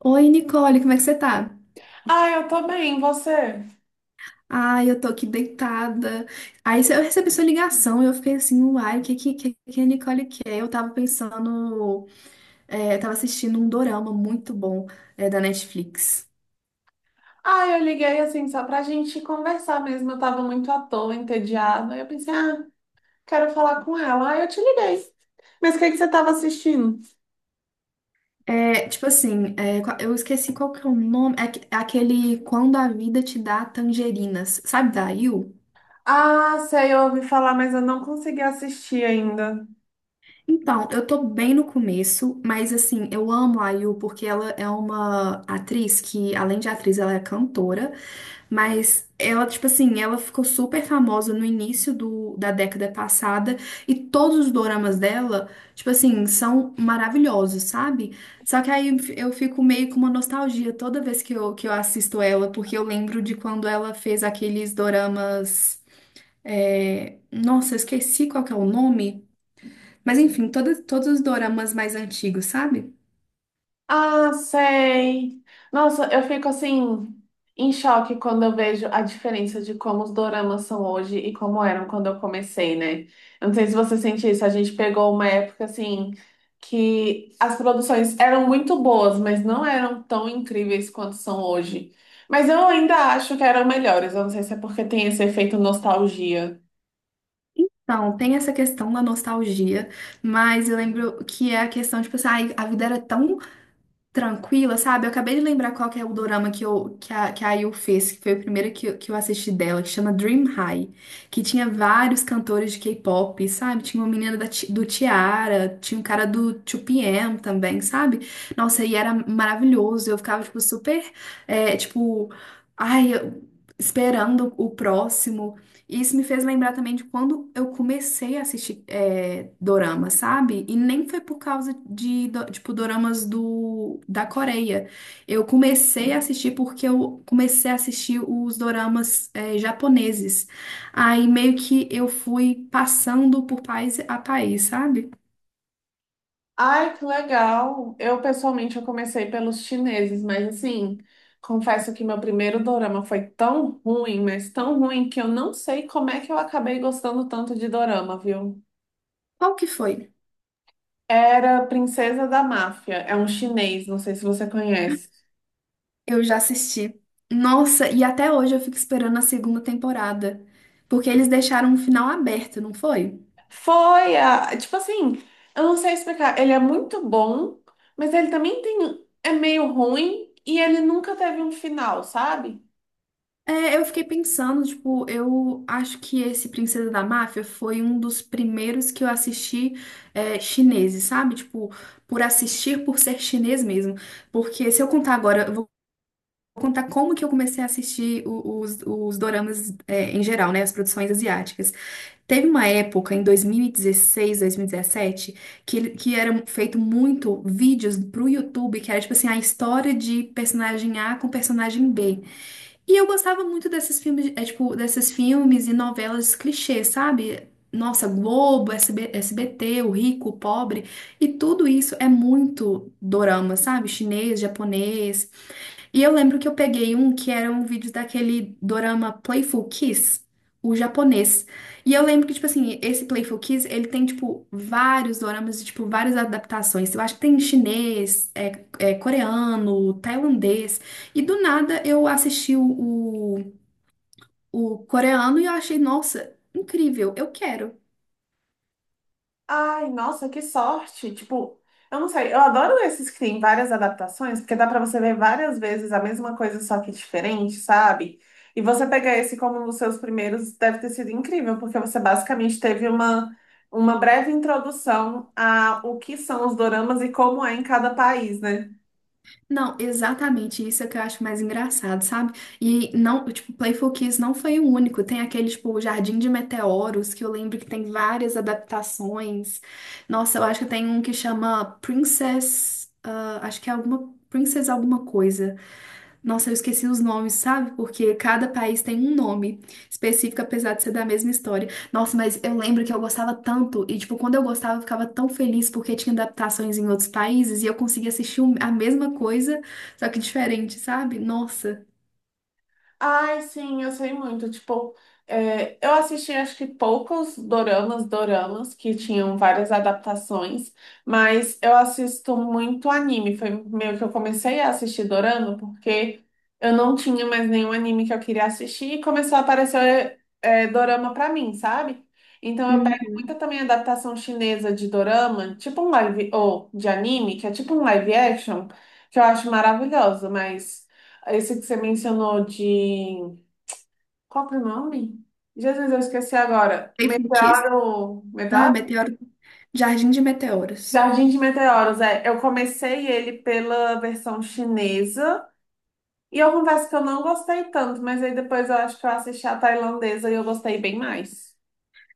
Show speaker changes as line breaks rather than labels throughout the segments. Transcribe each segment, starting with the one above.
Oi, Nicole, como é que você tá?
Ah, eu tô bem, e você?
Ah, eu tô aqui deitada. Aí eu recebi sua ligação e eu fiquei assim, uai, o que, que a Nicole quer? Eu tava pensando, eu tava assistindo um dorama muito bom, da Netflix.
Ah, eu liguei assim só pra gente conversar mesmo. Eu tava muito à toa, entediada. Aí eu pensei, ah, Quero falar com ela. Ah, eu te liguei. Mas o que que você tava assistindo?
Eu esqueci qual que é o nome, é aquele Quando a Vida Te Dá Tangerinas, sabe da IU?
Ah, sei, eu ouvi falar, mas eu não consegui assistir ainda.
Então, eu tô bem no começo, mas assim, eu amo a IU porque ela é uma atriz que, além de atriz, ela é cantora. Mas ela, tipo assim, ela ficou super famosa no início da década passada e todos os doramas dela, tipo assim, são maravilhosos, sabe? Só que aí eu fico meio com uma nostalgia toda vez que eu assisto ela, porque eu lembro de quando ela fez aqueles doramas. Nossa, eu esqueci qual que é o nome. Mas enfim, todos os doramas mais antigos, sabe?
Ah, sei. Nossa, eu fico assim em choque quando eu vejo a diferença de como os doramas são hoje e como eram quando eu comecei, né? Eu não sei se você sente isso, a gente pegou uma época assim que as produções eram muito boas, mas não eram tão incríveis quanto são hoje. Mas eu ainda acho que eram melhores, eu não sei se é porque tem esse efeito nostalgia.
Então, tem essa questão da nostalgia, mas eu lembro que é a questão, tipo assim, ai, a vida era tão tranquila, sabe? Eu acabei de lembrar qual que é o dorama que a IU fez, que foi o primeiro que eu assisti dela, que chama Dream High, que tinha vários cantores de K-pop, sabe? Tinha uma menina do Tiara, tinha um cara do 2PM também, sabe? Nossa, e era maravilhoso, eu ficava, tipo, super, é, tipo, ai, eu- esperando o próximo. E isso me fez lembrar também de quando eu comecei a assistir dorama, sabe? E nem foi por causa tipo, doramas da Coreia. Eu comecei a assistir porque eu comecei a assistir os doramas japoneses. Aí meio que eu fui passando por país a país, sabe?
Ai, que legal! Eu, pessoalmente, eu comecei pelos chineses, mas assim, confesso que meu primeiro dorama foi tão ruim, mas tão ruim, que eu não sei como é que eu acabei gostando tanto de dorama, viu?
Qual que foi?
Era Princesa da Máfia, é um chinês, não sei se você conhece.
Eu já assisti. Nossa, e até hoje eu fico esperando a segunda temporada. Porque eles deixaram um final aberto, não foi?
Foi, a, tipo assim, eu não sei explicar, ele é muito bom, mas ele também tem, é meio ruim e ele nunca teve um final, sabe?
É, eu fiquei pensando, tipo, eu acho que esse Princesa da Máfia foi um dos primeiros que eu assisti chineses, sabe? Tipo, por assistir, por ser chinês mesmo. Porque se eu contar agora, eu vou contar como que eu comecei a assistir os doramas em geral, né? As produções asiáticas. Teve uma época, em 2016, 2017, que eram feito muito vídeos pro YouTube, que era tipo assim, a história de personagem A com personagem B. E eu gostava muito desses filmes, desses filmes e novelas clichês, sabe? Nossa, Globo, SB, SBT, o rico, o pobre, e tudo isso é muito dorama, sabe? Chinês, japonês. E eu lembro que eu peguei um que era um vídeo daquele dorama Playful Kiss, o japonês. E eu lembro que, tipo assim, esse Playful Kiss, ele tem, tipo, vários doramas, e, tipo, várias adaptações. Eu acho que tem chinês, coreano, tailandês. E do nada eu assisti o coreano e eu achei, nossa, incrível, eu quero.
Ai, nossa, que sorte! Tipo, eu não sei, eu adoro esses que tem várias adaptações, porque dá pra você ver várias vezes a mesma coisa, só que diferente, sabe? E você pegar esse como um dos seus primeiros deve ter sido incrível, porque você basicamente teve uma breve introdução a o que são os doramas e como é em cada país, né?
Não, exatamente isso é que eu acho mais engraçado, sabe? E não, tipo, Playful Kiss não foi o único. Tem aquele, tipo, o Jardim de Meteoros, que eu lembro que tem várias adaptações. Nossa, eu acho que tem um que chama Princess, ah, acho que é alguma Princess alguma coisa. Nossa, eu esqueci os nomes, sabe? Porque cada país tem um nome específico, apesar de ser da mesma história. Nossa, mas eu lembro que eu gostava tanto. E, tipo, quando eu gostava, eu ficava tão feliz porque tinha adaptações em outros países e eu conseguia assistir a mesma coisa, só que diferente, sabe? Nossa.
Ai, sim, eu sei muito. Tipo, eu assisti acho que poucos doramas, doramas que tinham várias adaptações, mas eu assisto muito anime. Foi meio que eu comecei a assistir dorama porque eu não tinha mais nenhum anime que eu queria assistir e começou a aparecer dorama pra mim, sabe? Então eu pego muita
Uhum.
também adaptação chinesa de dorama, tipo um live, ou de anime, que é tipo um live action, que eu acho maravilhoso, mas. Esse que você mencionou de. Qual que é o nome? Jesus, eu esqueci agora.
Faithful Kiss?
Meteoro.
Ah,
Meteoro?
Meteoro. Jardim de Meteoros.
Jardim de Meteoros, é. Eu comecei ele pela versão chinesa. E eu confesso que eu não gostei tanto, mas aí depois eu acho que eu assisti a tailandesa e eu gostei bem mais.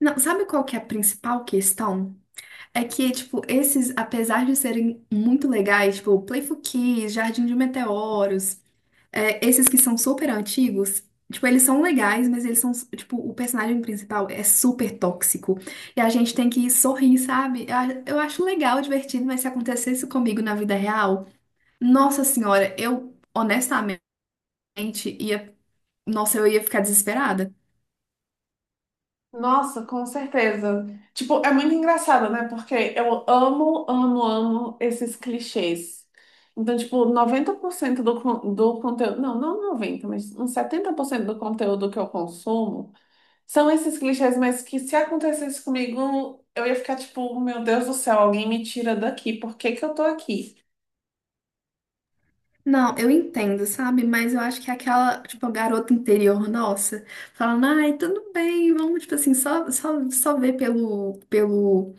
Não, sabe qual que é a principal questão? É que, tipo, esses, apesar de serem muito legais, tipo, Playful Kiss, Jardim de Meteoros. É, esses que são super antigos, tipo, eles são legais, mas eles são, tipo, o personagem principal é super tóxico. E a gente tem que sorrir, sabe? Eu acho legal, divertido, mas se acontecesse comigo na vida real, nossa senhora, eu honestamente ia. Nossa, eu ia ficar desesperada.
Nossa, com certeza. Tipo, é muito engraçado, né? Porque eu amo, amo, amo esses clichês. Então, tipo, 90% do conteúdo. Não, não 90, mas uns 70% do conteúdo que eu consumo são esses clichês, mas que se acontecesse comigo, eu ia ficar tipo, meu Deus do céu, alguém me tira daqui, por que que eu tô aqui?
Não, eu entendo, sabe? Mas eu acho que é aquela, tipo, a garota interior nossa, falando, ai, tudo bem, vamos, tipo assim, só ver pelo, pelo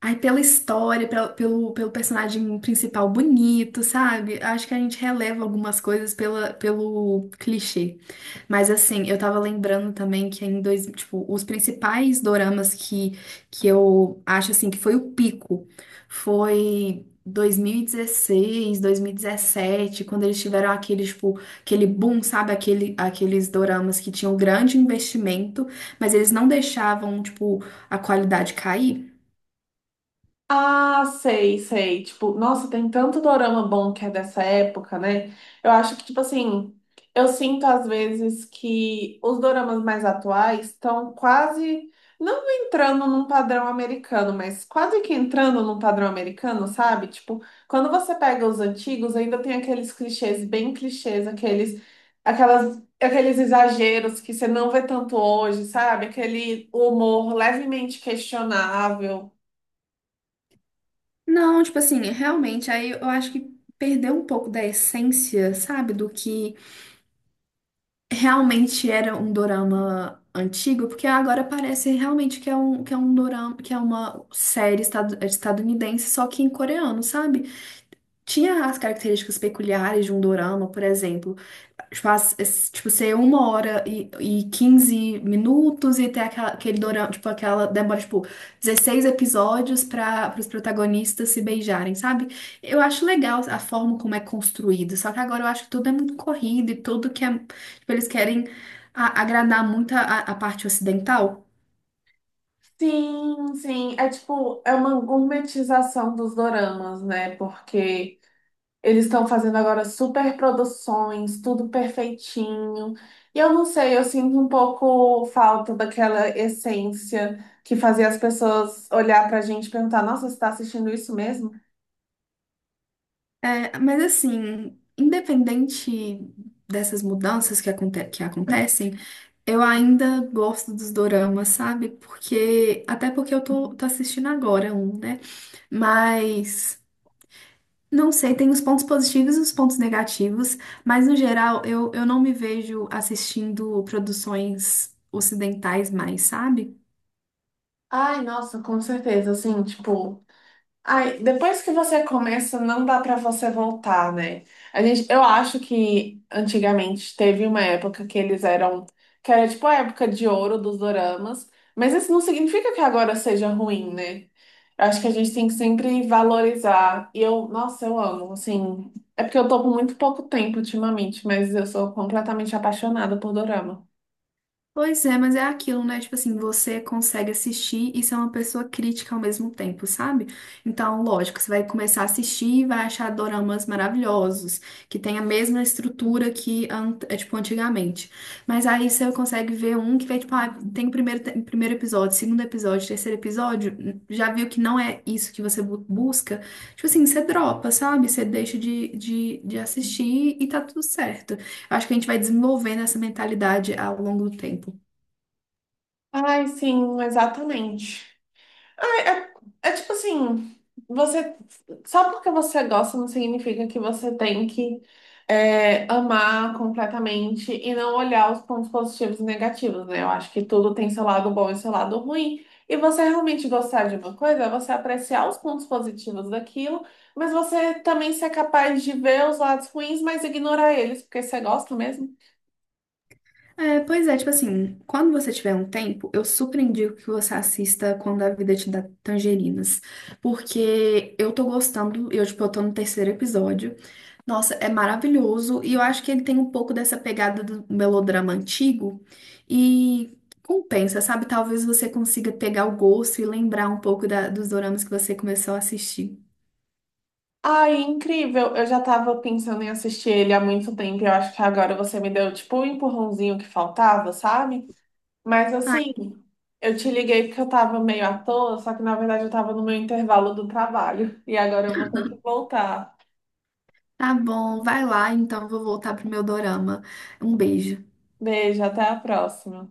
Aí pela história, pelo personagem principal bonito, sabe? Acho que a gente releva algumas coisas pelo clichê. Mas assim, eu tava lembrando também que em dois, tipo, os principais doramas que eu acho assim que foi o pico foi 2016, 2017, quando eles tiveram aquele, tipo, aquele boom, sabe? Aqueles doramas que tinham grande investimento, mas eles não deixavam, tipo, a qualidade cair.
Ah, sei, sei. Tipo, nossa, tem tanto dorama bom que é dessa época, né? Eu acho que, tipo assim, eu sinto às vezes que os doramas mais atuais estão quase, não entrando num padrão americano, mas quase que entrando num padrão americano, sabe? Tipo, quando você pega os antigos, ainda tem aqueles clichês bem clichês, aquelas, aqueles exageros que você não vê tanto hoje, sabe? Aquele humor levemente questionável.
Não, tipo assim, realmente, aí eu acho que perdeu um pouco da essência, sabe, do que realmente era um dorama antigo, porque agora parece realmente que é um, que é uma série estadunidense, só que em coreano, sabe? Tinha as características peculiares de um dorama, por exemplo tipo, tipo, ser uma hora e 15 minutos e ter aquela, aquele dorama, tipo, aquela demora, tipo, 16 episódios para os protagonistas se beijarem, sabe? Eu acho legal a forma como é construído, só que agora eu acho que tudo é muito corrido e tudo que é, tipo, eles querem agradar muito a parte ocidental.
Sim, sim. É tipo, é uma gourmetização dos doramas, né? Porque eles estão fazendo agora super produções, tudo perfeitinho. E eu não sei, eu sinto um pouco falta daquela essência que fazia as pessoas olhar pra gente e perguntar: Nossa, você tá assistindo isso mesmo?
É, mas assim, independente dessas mudanças que acontecem, eu ainda gosto dos doramas, sabe? Porque, até porque eu tô assistindo agora um, né? Mas, não sei, tem os pontos positivos e os pontos negativos, mas no geral eu não me vejo assistindo produções ocidentais mais, sabe?
Ai, nossa, com certeza. Assim, tipo. Ai, depois que você começa, não dá pra você voltar, né? A gente, eu acho que antigamente teve uma época que eles eram, que era tipo a época de ouro dos doramas, mas isso não significa que agora seja ruim, né? Eu acho que a gente tem que sempre valorizar. E eu, nossa, eu amo, assim, é porque eu tô com muito pouco tempo ultimamente, mas eu sou completamente apaixonada por dorama.
Pois é, mas é aquilo, né? Tipo assim, você consegue assistir e ser uma pessoa crítica ao mesmo tempo, sabe? Então, lógico, você vai começar a assistir e vai achar doramas maravilhosos, que tem a mesma estrutura que, an- é, tipo, antigamente. Mas aí você consegue ver um que vai, tipo, ah, tem o primeiro, primeiro episódio, segundo episódio, terceiro episódio, já viu que não é isso que você busca. Tipo assim, você dropa, sabe? Você deixa de assistir e tá tudo certo. Eu acho que a gente vai desenvolvendo essa mentalidade ao longo do tempo.
Ai, sim, exatamente. Ah, é tipo assim, você só porque você gosta não significa que você tem que amar completamente e não olhar os pontos positivos e negativos, né? Eu acho que tudo tem seu lado bom e seu lado ruim. E você realmente gostar de uma coisa é você apreciar os pontos positivos daquilo, mas você também ser capaz de ver os lados ruins, mas ignorar eles, porque você gosta mesmo.
É, pois é, tipo assim, quando você tiver um tempo, eu super indico que você assista Quando a Vida Te Dá Tangerinas. Porque eu tô gostando, eu, tipo, eu tô no terceiro episódio. Nossa, é maravilhoso. E eu acho que ele tem um pouco dessa pegada do melodrama antigo. E compensa, sabe? Talvez você consiga pegar o gosto e lembrar um pouco dos doramas que você começou a assistir.
Ai, incrível! Eu já tava pensando em assistir ele há muito tempo. Eu acho que agora você me deu tipo o empurrãozinho que faltava, sabe? Mas
Ai,
assim, eu te liguei porque eu tava meio à toa, só que na verdade eu tava no meu intervalo do trabalho. E agora eu vou ter que voltar.
tá bom, vai lá, então eu vou voltar pro meu dorama. Um beijo.
Beijo, até a próxima.